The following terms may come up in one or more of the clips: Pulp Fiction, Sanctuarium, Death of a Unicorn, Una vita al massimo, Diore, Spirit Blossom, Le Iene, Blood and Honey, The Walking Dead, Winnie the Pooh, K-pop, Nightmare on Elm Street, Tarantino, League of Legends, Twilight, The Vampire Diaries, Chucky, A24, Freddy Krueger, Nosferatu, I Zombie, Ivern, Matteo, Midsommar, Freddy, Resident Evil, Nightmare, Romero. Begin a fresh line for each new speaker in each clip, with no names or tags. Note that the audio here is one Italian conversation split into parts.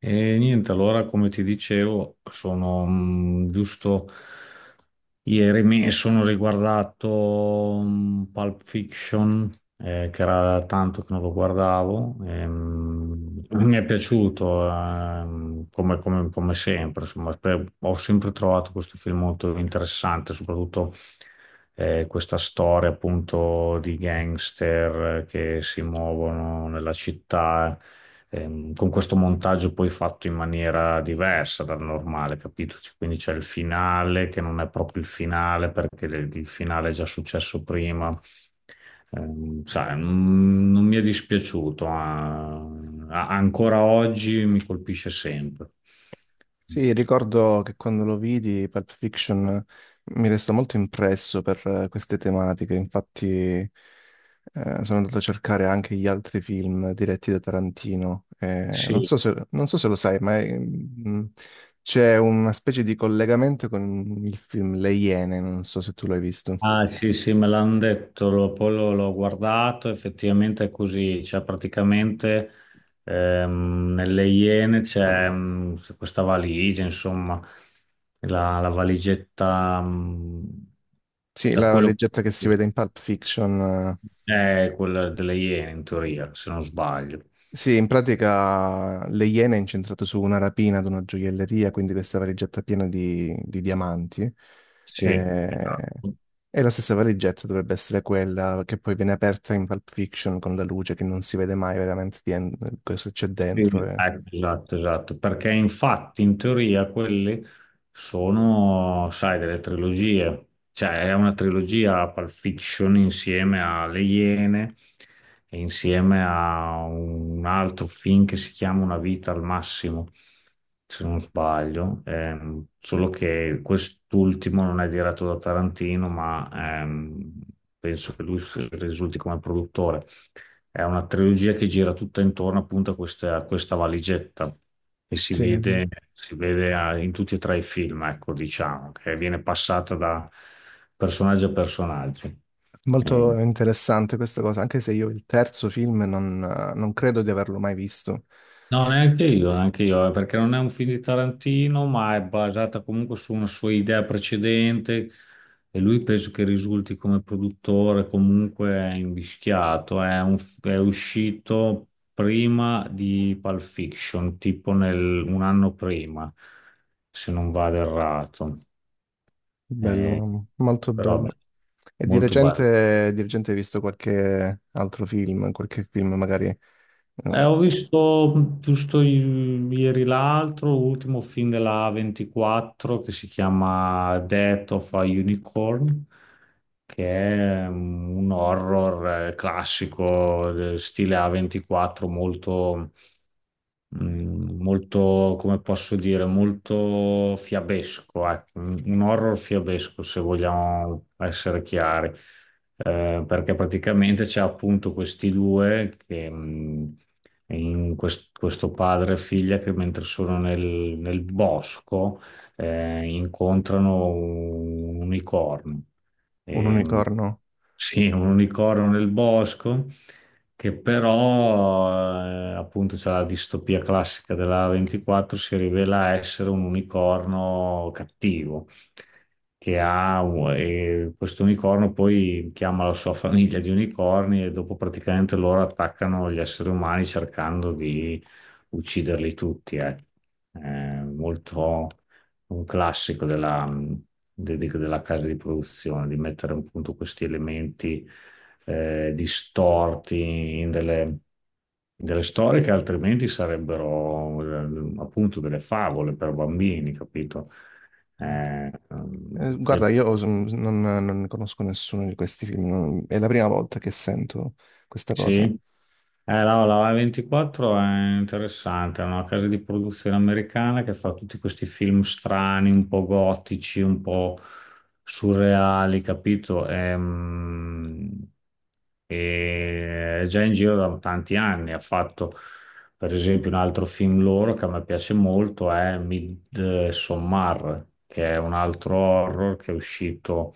E niente, allora come ti dicevo, sono giusto ieri mi sono riguardato Pulp Fiction, che era tanto che non lo guardavo, e mi è piaciuto come sempre, insomma, ho sempre trovato questo film molto interessante, soprattutto questa storia appunto di gangster che si muovono nella città con questo montaggio poi fatto in maniera diversa dal normale, capito? Quindi c'è il finale che non è proprio il finale perché il finale è già successo prima. Sai, non mi è dispiaciuto, ah, ancora oggi mi colpisce sempre.
Sì, ricordo che quando lo vidi, Pulp Fiction mi restò molto impresso per queste tematiche. Infatti sono andato a cercare anche gli altri film diretti da Tarantino. Non
Sì.
so se, non so se lo sai, ma c'è una specie di collegamento con il film Le Iene, non so se tu l'hai visto.
Ah, sì, sì, me l'hanno detto, poi l'ho guardato, effettivamente è così, cioè praticamente nelle Iene c'è questa valigia, insomma, la valigetta,
Sì,
da
la
quello
leggetta che si
che
vede in Pulp Fiction.
è quella delle Iene in teoria, se non sbaglio.
Sì, in pratica Le Iene è incentrato su una rapina ad una gioielleria, quindi questa valigetta piena di diamanti.
Sì,
Eh,
esatto.
E la stessa valigetta dovrebbe essere quella che poi viene aperta in Pulp Fiction, con la luce che non si vede mai veramente di cosa c'è
Sì,
dentro.
ecco, esatto, esatto, perché infatti in teoria quelle sono, sai, delle trilogie, cioè è una trilogia Pulp Fiction insieme a Le Iene e insieme a un altro film che si chiama Una vita al massimo, se non sbaglio. Solo che quest'ultimo non è diretto da Tarantino, ma ehm, penso che lui risulti come produttore. È una trilogia che gira tutta intorno appunto a questa valigetta che si
Sì, sì.
vede, in tutti e tre i film, ecco, diciamo, che viene passata da personaggio a personaggio.
Molto interessante questa cosa, anche se io il terzo film non credo di averlo mai visto.
No, neanche io, perché non è un film di Tarantino, ma è basata comunque su una sua idea precedente e lui penso che risulti come produttore comunque invischiato. È uscito prima di Pulp Fiction, tipo un anno prima, se non vado errato. Eh,
Bello, molto
Però
bello.
vabbè,
E
molto bello.
di recente hai visto qualche altro film, qualche film magari
Ho visto giusto ieri l'altro, l'ultimo film della 24 che si chiama Death of a Unicorn, che è un horror classico, stile A24, molto molto, come posso dire, molto fiabesco, ecco, un horror fiabesco, se vogliamo essere chiari. Perché praticamente c'è appunto questi due che... mm, in quest- questo padre e figlia che mentre sono nel bosco, incontrano un unicorno.
un
Ehm,
unicorno?
sì, un unicorno nel bosco che però, appunto, c'è la distopia classica della 24, si rivela essere un unicorno cattivo, che ha, e questo unicorno poi chiama la sua famiglia di unicorni e dopo praticamente loro attaccano gli esseri umani cercando di ucciderli tutti, ecco. È molto un classico della casa di produzione, di mettere appunto questi elementi distorti in delle storie che altrimenti sarebbero appunto delle favole per bambini, capito? Eh, ehm,
Guarda, io non ne conosco nessuno di questi film, è la prima volta che sento questa
sì.
cosa.
No, la A24 è interessante, è una casa di produzione americana che fa tutti questi film strani, un po' gotici, un po' surreali, capito? È già in giro da tanti anni. Ha fatto, per esempio, un altro film loro che a me piace molto, è Midsommar, che è un altro horror che è uscito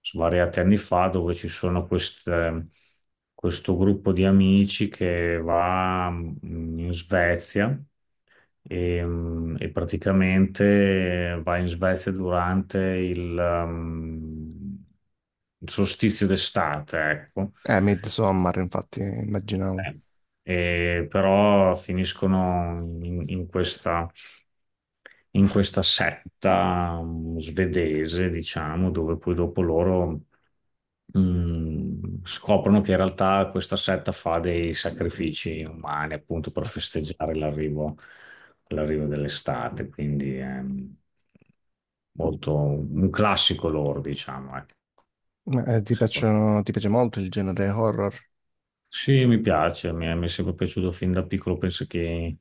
svariati anni fa, dove ci sono questo gruppo di amici che va in Svezia e praticamente va in Svezia durante mm, il solstizio d'estate, ecco.
Midsommar, infatti, immaginavo.
Eh, E però finiscono in questa setta svedese, diciamo, dove poi dopo loro scoprono che in realtà questa setta fa dei sacrifici umani appunto per festeggiare l'arrivo dell'estate, quindi è molto un classico loro, diciamo, ecco,
Ma, ti
secondo me.
piacciono, ti piace molto il genere horror?
Sì, mi piace, mi è sempre piaciuto fin da piccolo, penso che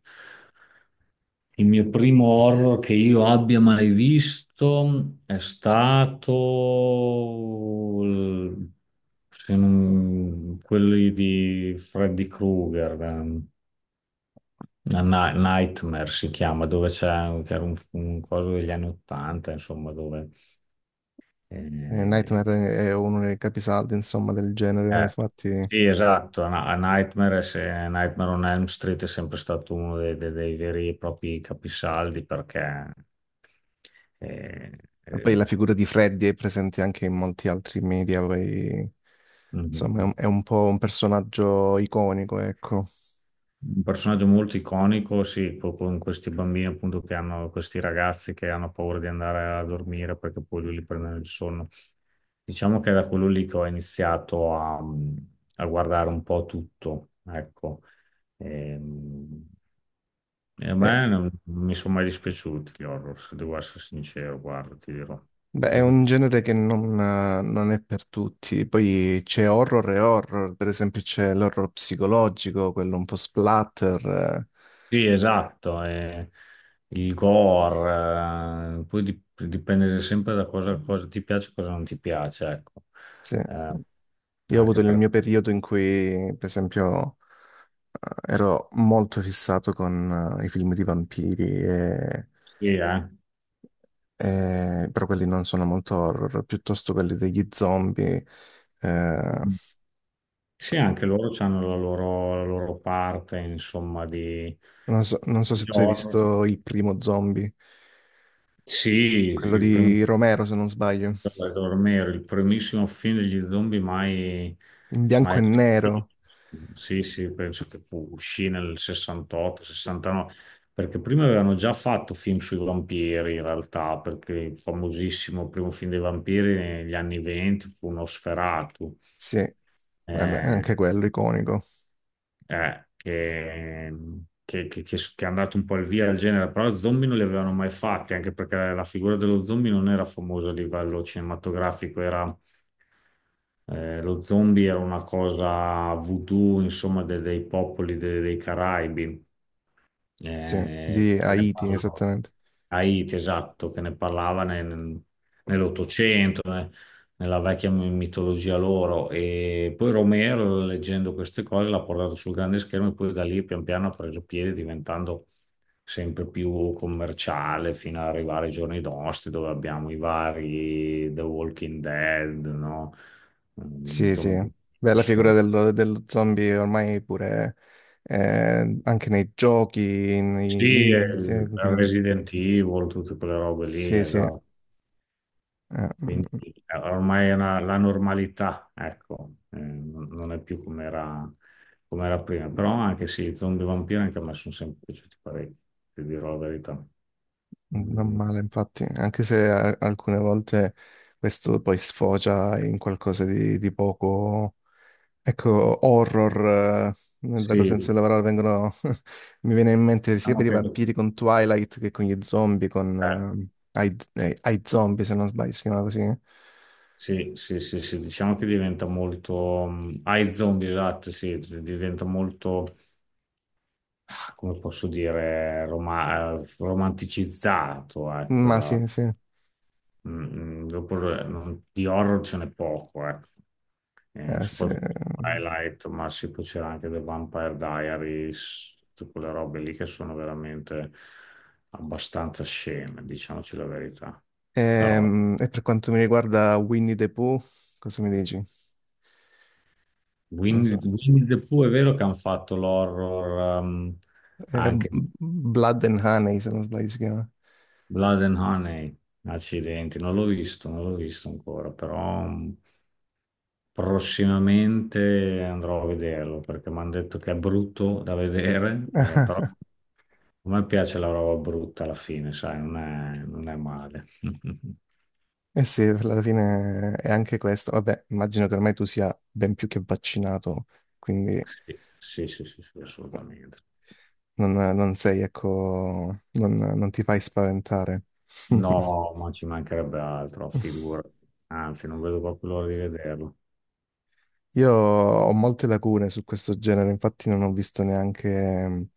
il mio primo horror che io abbia mai visto è stato il- se non- quelli di Freddy Krueger. Nightmare si chiama, dove c'è che era un coso degli anni Ottanta, insomma, dove eh,
Nightmare è uno dei capisaldi, insomma, del genere,
eh,
infatti.
Sì, esatto, a a Nightmare, se- Nightmare on Elm Street è sempre stato uno dei, dei veri e propri capisaldi perché è,
E
è
poi la figura di Freddy è presente anche in molti altri media, poi insomma è
un
è un po' un personaggio iconico, ecco.
un personaggio molto iconico, sì, con questi bambini appunto questi ragazzi che hanno paura di andare a dormire perché poi lui li prende il sonno. Diciamo che è da quello lì che ho iniziato a guardare un po' tutto, ecco. Ehm, E a me
È,
non mi sono mai dispiaciuti gli horror, se devo essere sincero, guarda, ti dirò.
beh, è
Sempre
un
più-
genere che non è per tutti. Poi c'è horror e horror, per esempio c'è l'horror psicologico, quello un po' splatter, eh.
Sì, esatto, il gore, poi dipende sempre da cosa ti piace e cosa non ti piace, ecco.
Sì.
Eh,
Io ho avuto
anche
il mio
perché,
periodo in cui, per esempio, ero molto fissato con i film di vampiri e
sì, eh.
però quelli non sono molto horror, piuttosto quelli degli zombie. Eh,
Sì, anche loro hanno la loro parte, insomma, di,
non so, non so
di
se tu hai
horror.
visto il primo zombie,
Sì,
quello
sì, prima
di Romero, se non sbaglio,
a dormire, il primissimo film degli zombie mai,
in bianco
mai.
e nero.
Sì, sì, penso che uscì nel 68, 69, perché prima avevano già fatto film sui vampiri in realtà, perché il famosissimo primo film dei vampiri negli anni 20 fu Nosferatu,
Sì, vabbè,
eh,
anche quello iconico.
eh, che, che è andato un po' al via del genere, però zombie non li avevano mai fatti, anche perché la figura dello zombie non era famosa a livello cinematografico, era. Lo zombie era una cosa voodoo, insomma, dei popoli dei Caraibi,
Sì, di
che ne
Haiti,
parlava.
esattamente.
Haiti, esatto, che ne parlava nell'Ottocento, nella vecchia mitologia loro. E poi Romero, leggendo queste cose, l'ha portato sul grande schermo e poi da lì pian piano ha preso piede, diventando sempre più commerciale fino ad arrivare ai giorni nostri, dove abbiamo i vari The Walking Dead, no?
Sì, sì.
Zombie
Beh, la figura
Nation.
dello, dello zombie ormai pure anche nei giochi, nei
Sì,
libri, sì, quindi
Resident Evil, tutte quelle robe lì,
sì, sì.
esatto. Quindi
Mm.
ormai è la normalità, ecco, non è più come era, prima. Però anche sì, zombie vampiri anche a me sono sempre piaciuti parecchio, ti dirò la verità.
Non
Mm,
male, infatti, anche se alcune volte questo poi sfocia in qualcosa di poco, ecco, horror, nel
sì,
vero senso
diciamo
della parola, vengono, mi viene in mente sia per i
che,
vampiri con Twilight che con gli zombie, con
eh,
I, I Zombie, se non sbaglio, si chiama così.
sì, sì, sì, sì, diciamo che diventa molto. Ai zombie, esatto, sì, diventa molto, come posso dire, romanticizzato, ecco,
Ma
la-
sì, sì.
Dopo di horror ce n'è poco, ecco.
Eh, sì.
Soprattutto Twilight, ma sì, poi c'era anche The Vampire Diaries, tutte quelle robe lì che sono veramente abbastanza sceme, diciamoci la verità. Però
E, per quanto mi riguarda Winnie the Pooh, cosa mi dici? Non
Winnie,
so,
Winnie the Pooh è vero che hanno fatto l'horror,
è
anche di
Blood and Honey, se non sbaglio si chiama.
Blood and Honey, accidenti, non l'ho visto, non l'ho visto ancora, però prossimamente andrò a vederlo perché mi hanno detto che è brutto da vedere, però a me piace la roba brutta alla fine, sai, non è male.
Eh sì, alla fine è anche questo. Vabbè, immagino che ormai tu sia ben più che vaccinato, quindi
Sì, sì, sì, sì, sì, assolutamente.
non sei, ecco, non ti fai spaventare.
No, ma ci mancherebbe altro, figura. Anzi, non vedo proprio l'ora di vederlo.
Io ho molte lacune su questo genere, infatti non ho visto neanche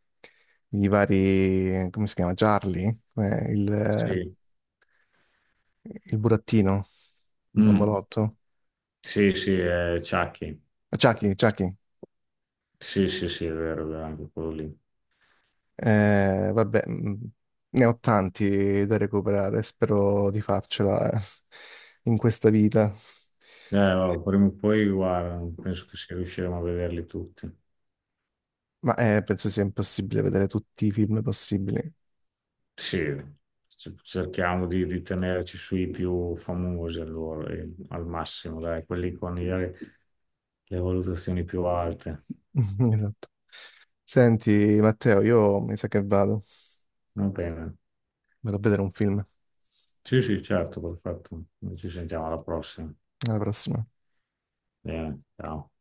i vari, come si chiama? Charlie? Eh, il, eh,
Sì.
il burattino, il
Mm.
bambolotto.
Sì, sì, è Chucky.
Chucky, Chucky.
Sì, sì, sì, è vero, anche quello lì.
Vabbè, ne ho tanti da recuperare, spero di farcela in questa vita,
Allora, prima o poi, guarda, penso che si riusciremo a vederli tutti.
ma penso sia impossibile vedere tutti i film possibili.
Sì, cerchiamo di tenerci sui più famosi allora, e al massimo, dai, quelli con le valutazioni più alte.
Esatto. Senti, Matteo, io mi sa che vado,
Va bene.
vado a vedere un film.
Sì, sì, certo, perfetto. Ci sentiamo alla prossima.
Alla prossima.
Bene, ciao.